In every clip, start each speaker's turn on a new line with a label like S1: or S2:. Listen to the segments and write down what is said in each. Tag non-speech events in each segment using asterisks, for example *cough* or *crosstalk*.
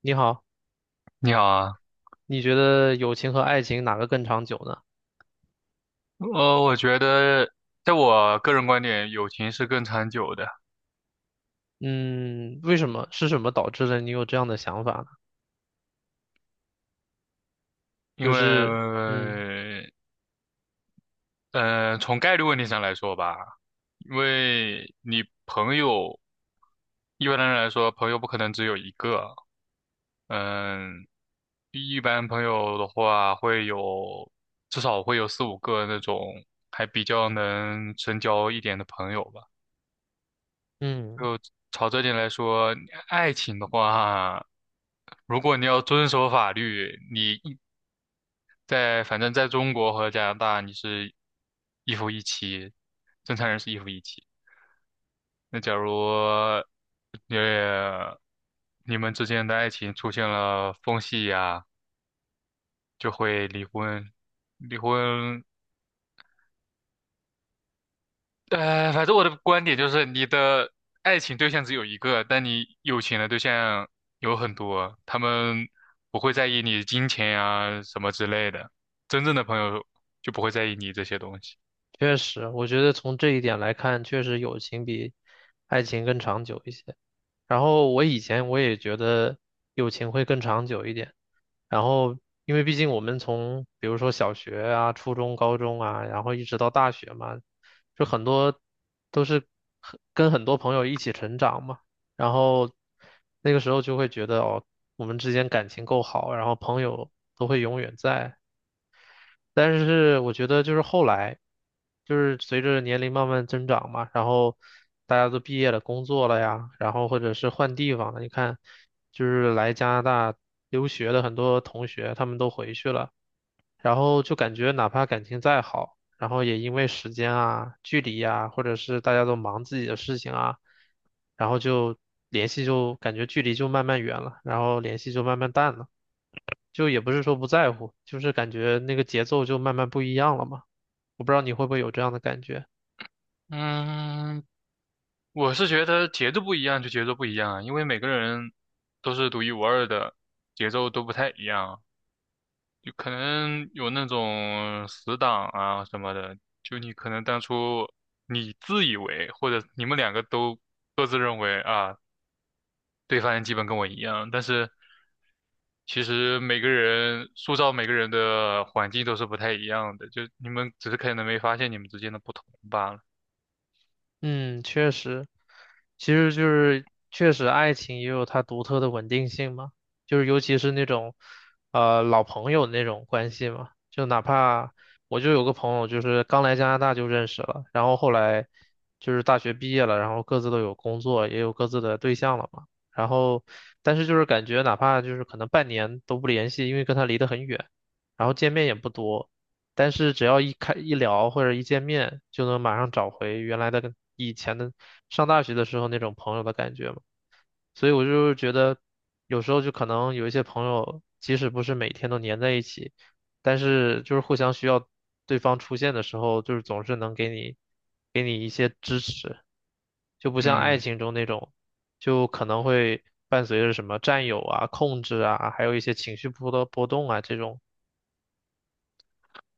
S1: 你好，
S2: 你好啊，
S1: 你觉得友情和爱情哪个更长久呢？
S2: 我觉得，在我个人观点，友情是更长久的。
S1: 嗯，为什么？是什么导致了你有这样的想法呢？
S2: 因
S1: 就是，嗯
S2: 为，从概率问题上来说吧，因为你朋友，一般的人来说，朋友不可能只有一个。嗯，一般朋友的话会有，至少会有四五个那种还比较能深交一点的朋友吧。
S1: 嗯，
S2: 就朝这点来说，爱情的话。如果你要遵守法律，你一在反正在中国和加拿大，你是一夫一妻，正常人是一夫一妻。那假如呃你们之间的爱情出现了缝隙呀、就会离婚。离婚，反正我的观点就是，你的爱情对象只有一个，但你有钱的对象有很多，他们不会在意你金钱呀、什么之类的，真正的朋友就不会在意你这些东西。
S1: 确实，我觉得从这一点来看，确实友情比爱情更长久一些。然后我以前也觉得友情会更长久一点，然后因为毕竟我们从比如说小学啊、初中、高中啊，然后一直到大学嘛，就很多都是跟很多朋友一起成长嘛，然后那个时候就会觉得哦，我们之间感情够好，然后朋友都会永远在，但是我觉得就是后来，就是随着年龄慢慢增长嘛，然后大家都毕业了、工作了呀，然后或者是换地方了。你看，就是来加拿大留学的很多同学，他们都回去了。然后就感觉哪怕感情再好，然后也因为时间啊、距离啊，或者是大家都忙自己的事情啊，然后就联系就感觉距离就慢慢远了，然后联系就慢慢淡了，就也不是说不在乎，就是感觉那个节奏就慢慢不一样了嘛。我不知道你会不会有这样的感觉。
S2: 嗯，我是觉得节奏不一样就节奏不一样啊，因为每个人都是独一无二的，节奏都不太一样，就可能有那种死党啊什么的，就你可能当初自以为或者你们两个都各自认为啊，对方基本跟我一样，但是其实每个人塑造每个人的环境都是不太一样的，就你们只是可能没发现你们之间的不同罢了。
S1: 嗯，确实，其实就是确实，爱情也有它独特的稳定性嘛，就是尤其是那种，老朋友那种关系嘛，就哪怕我就有个朋友，就是刚来加拿大就认识了，然后后来就是大学毕业了，然后各自都有工作，也有各自的对象了嘛，然后但是就是感觉哪怕就是可能半年都不联系，因为跟他离得很远，然后见面也不多。但是只要一聊或者一见面，就能马上找回原来的跟以前的上大学的时候那种朋友的感觉嘛。所以我就是觉得，有时候就可能有一些朋友，即使不是每天都黏在一起，但是就是互相需要对方出现的时候，就是总是能给你一些支持，就不像爱
S2: 嗯。
S1: 情中那种，就可能会伴随着什么占有啊、控制啊，还有一些情绪波的波动啊这种。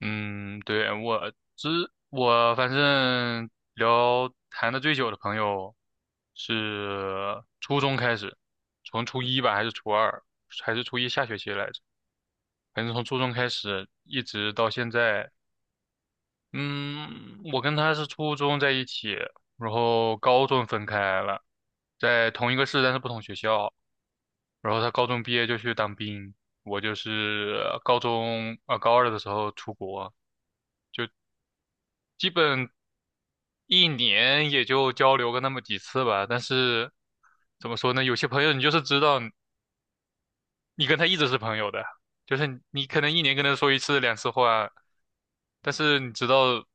S2: 嗯，对，我反正聊谈的最久的朋友是初中开始，从初一吧，还是初二，还是初一下学期来着，反正从初中开始一直到现在。嗯，我跟他是初中在一起，然后高中分开了，在同一个市，但是不同学校。然后他高中毕业就去当兵，我就是高中啊、高二的时候出国，基本。一年也就交流个那么几次吧。但是怎么说呢，有些朋友你就是知道你跟他一直是朋友的，就是你可能一年跟他说一次两次话，但是你知道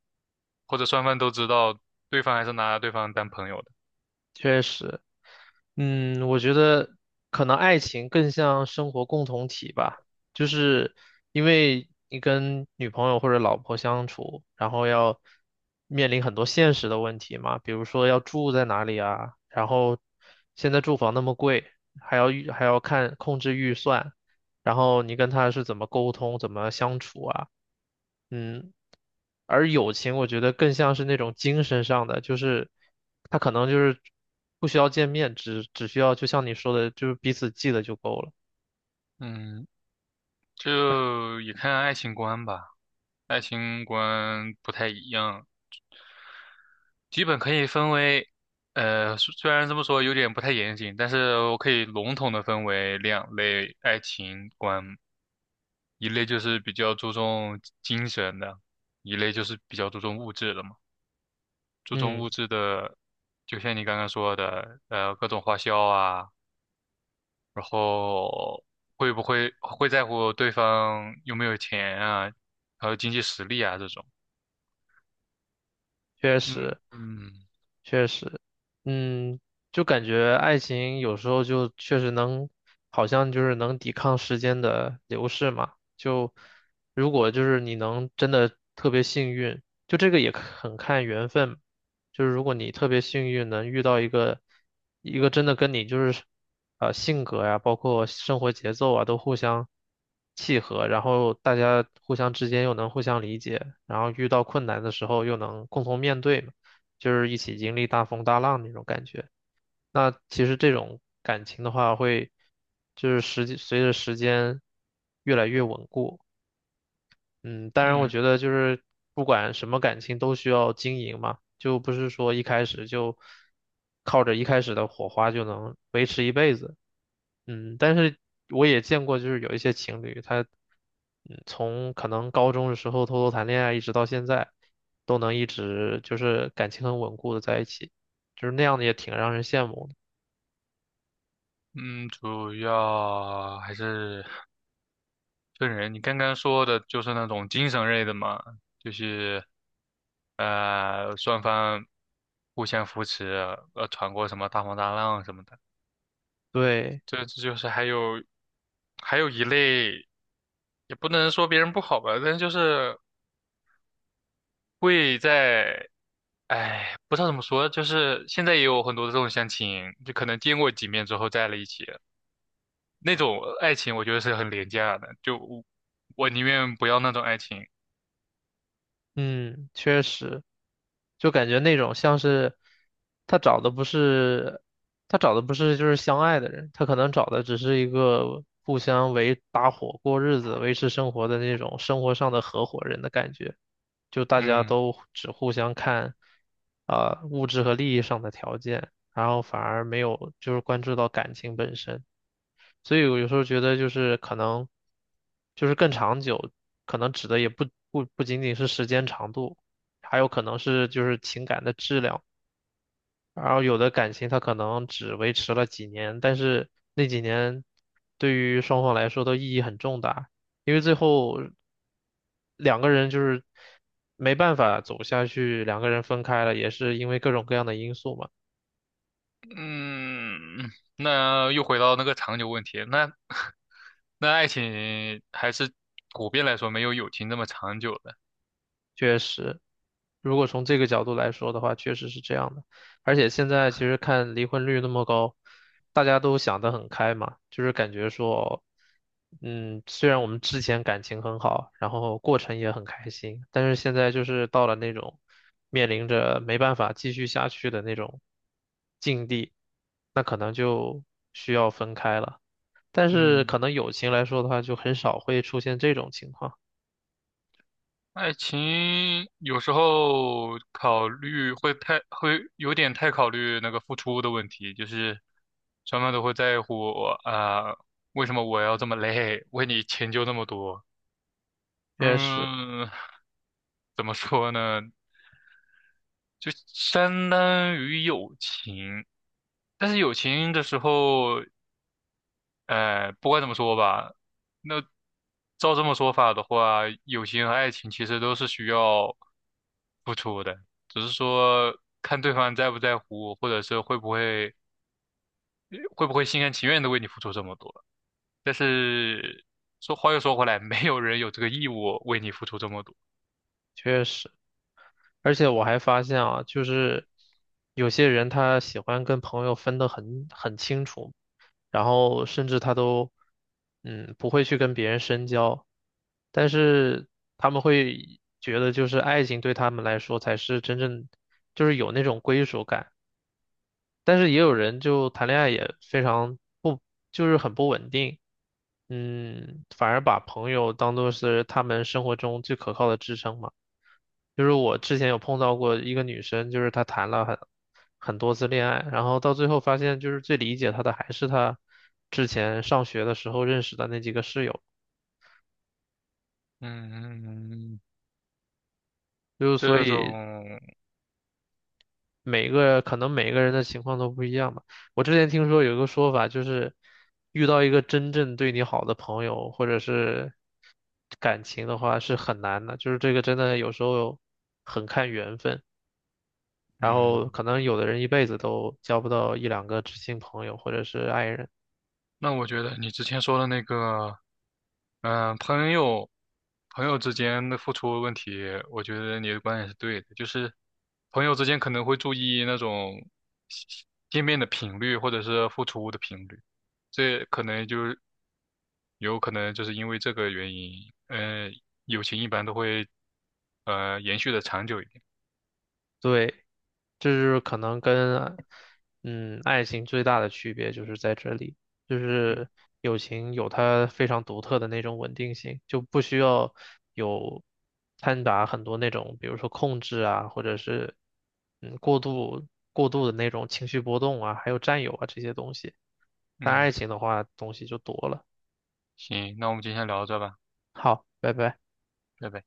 S2: 或者双方都知道，对方还是拿对方当朋友的。
S1: 确实，嗯，我觉得可能爱情更像生活共同体吧，就是因为你跟女朋友或者老婆相处，然后要面临很多现实的问题嘛，比如说要住在哪里啊，然后现在住房那么贵，还要看控制预算，然后你跟他是怎么沟通，怎么相处啊，嗯，而友情，我觉得更像是那种精神上的，就是他可能就是不需要见面，只需要就像你说的，就是彼此记得就够了。
S2: 嗯，就也看爱情观吧，爱情观不太一样，基本可以分为。虽然这么说有点不太严谨，但是我可以笼统的分为两类爱情观。一类就是比较注重精神的，一类就是比较注重物质的嘛。注重
S1: 嗯，
S2: 物质的，就像你刚刚说的，各种花销啊，然后会不会会在乎对方有没有钱啊，还有经济实力啊这种。
S1: 确
S2: 嗯
S1: 实。
S2: 嗯
S1: 确实，嗯，就感觉爱情有时候就确实能，好像就是能抵抗时间的流逝嘛。就如果就是你能真的特别幸运，就这个也很看缘分。就是如果你特别幸运能遇到一个真的跟你就是性格呀，包括生活节奏啊都互相契合，然后大家互相之间又能互相理解，然后遇到困难的时候又能共同面对嘛。就是一起经历大风大浪那种感觉。那其实这种感情的话会，就是时间随着时间越来越稳固。嗯，当然，我
S2: 嗯
S1: 觉得就是不管什么感情都需要经营嘛，就不是说一开始就靠着一开始的火花就能维持一辈子。嗯，但是我也见过，就是有一些情侣，他从可能高中的时候偷偷谈恋爱，一直到现在，都能一直就是感情很稳固的在一起，就是那样的也挺让人羡慕的。
S2: 嗯，主要还是分人。你刚刚说的就是那种精神类的嘛，就是。双方互相扶持，闯过什么大风大浪什么的。
S1: 对，
S2: 这就是还有一类，也不能说别人不好吧，但是就是会在，哎，不知道怎么说，就是现在也有很多的这种相亲，就可能见过几面之后在了一起，那种爱情我觉得是很廉价的，就我宁愿不要那种爱情。
S1: 嗯，确实。就感觉那种像是他找的不是他找的不是就是相爱的人，他可能找的只是一个互相为搭伙过日子、维持生活的那种生活上的合伙人的感觉，就大家
S2: 嗯。
S1: 都只互相看啊、物质和利益上的条件，然后反而没有就是关注到感情本身。所以我有时候觉得就是可能就是更长久，可能指的也不仅仅是时间长度，还有可能是就是情感的质量。然后有的感情它可能只维持了几年，但是那几年对于双方来说都意义很重大，因为最后两个人就是没办法走下去，两个人分开了，也是因为各种各样的因素嘛。
S2: 嗯，那又回到那个长久问题，那 *laughs* 那爱情还是普遍来说没有友情这么长久的。
S1: 确实，如果从这个角度来说的话，确实是这样的。而且现在其实看离婚率那么高，大家都想得很开嘛，就是感觉说，嗯，虽然我们之前感情很好，然后过程也很开心，但是现在就是到了那种面临着没办法继续下去的那种境地，那可能就需要分开了。但是
S2: 嗯，
S1: 可能友情来说的话，就很少会出现这种情况。
S2: 爱情有时候考虑会太，会有点太考虑那个付出的问题，就是双方都会在乎啊，为什么我要这么累，为你迁就那么多？
S1: 确实，
S2: 嗯，怎么说呢？就相当于友情。但是友情的时候，不管怎么说吧，那照这么说法的话，友情和爱情其实都是需要付出的，只是说看对方在不在乎，或者是会不会心甘情愿的为你付出这么多。但是说话又说回来，没有人有这个义务为你付出这么多。
S1: 确实。而且我还发现啊，就是有些人他喜欢跟朋友分得很清楚，然后甚至他都不会去跟别人深交，但是他们会觉得就是爱情对他们来说才是真正就是有那种归属感。但是也有人就谈恋爱也非常不，就是很不稳定，嗯，反而把朋友当做是他们生活中最可靠的支撑嘛。就是我之前有碰到过一个女生，就是她谈了很多次恋爱，然后到最后发现，就是最理解她的还是她之前上学的时候认识的那几个室友，
S2: 嗯，
S1: 就所
S2: 这
S1: 以
S2: 种，
S1: 每个可能每个人的情况都不一样吧。我之前听说有一个说法，就是遇到一个真正对你好的朋友或者是感情的话是很难的，就是这个真的有时候很看缘分，然
S2: 嗯，
S1: 后可能有的人一辈子都交不到一两个知心朋友或者是爱人。
S2: 那我觉得你之前说的那个，嗯、朋友之间的付出问题，我觉得你的观点是对的，就是朋友之间可能会注意那种见面的频率或者是付出的频率，这可能就有可能就是因为这个原因，友情一般都会延续的长久一点。
S1: 对，这就是可能跟爱情最大的区别就是在这里，就
S2: 嗯
S1: 是友情有它非常独特的那种稳定性，就不需要有掺杂很多那种，比如说控制啊，或者是嗯过度过度的那种情绪波动啊，还有占有啊这些东西。但爱
S2: 嗯，
S1: 情的话，东西就多了。
S2: 行，那我们今天聊到这吧，
S1: 好，拜拜。
S2: 拜拜。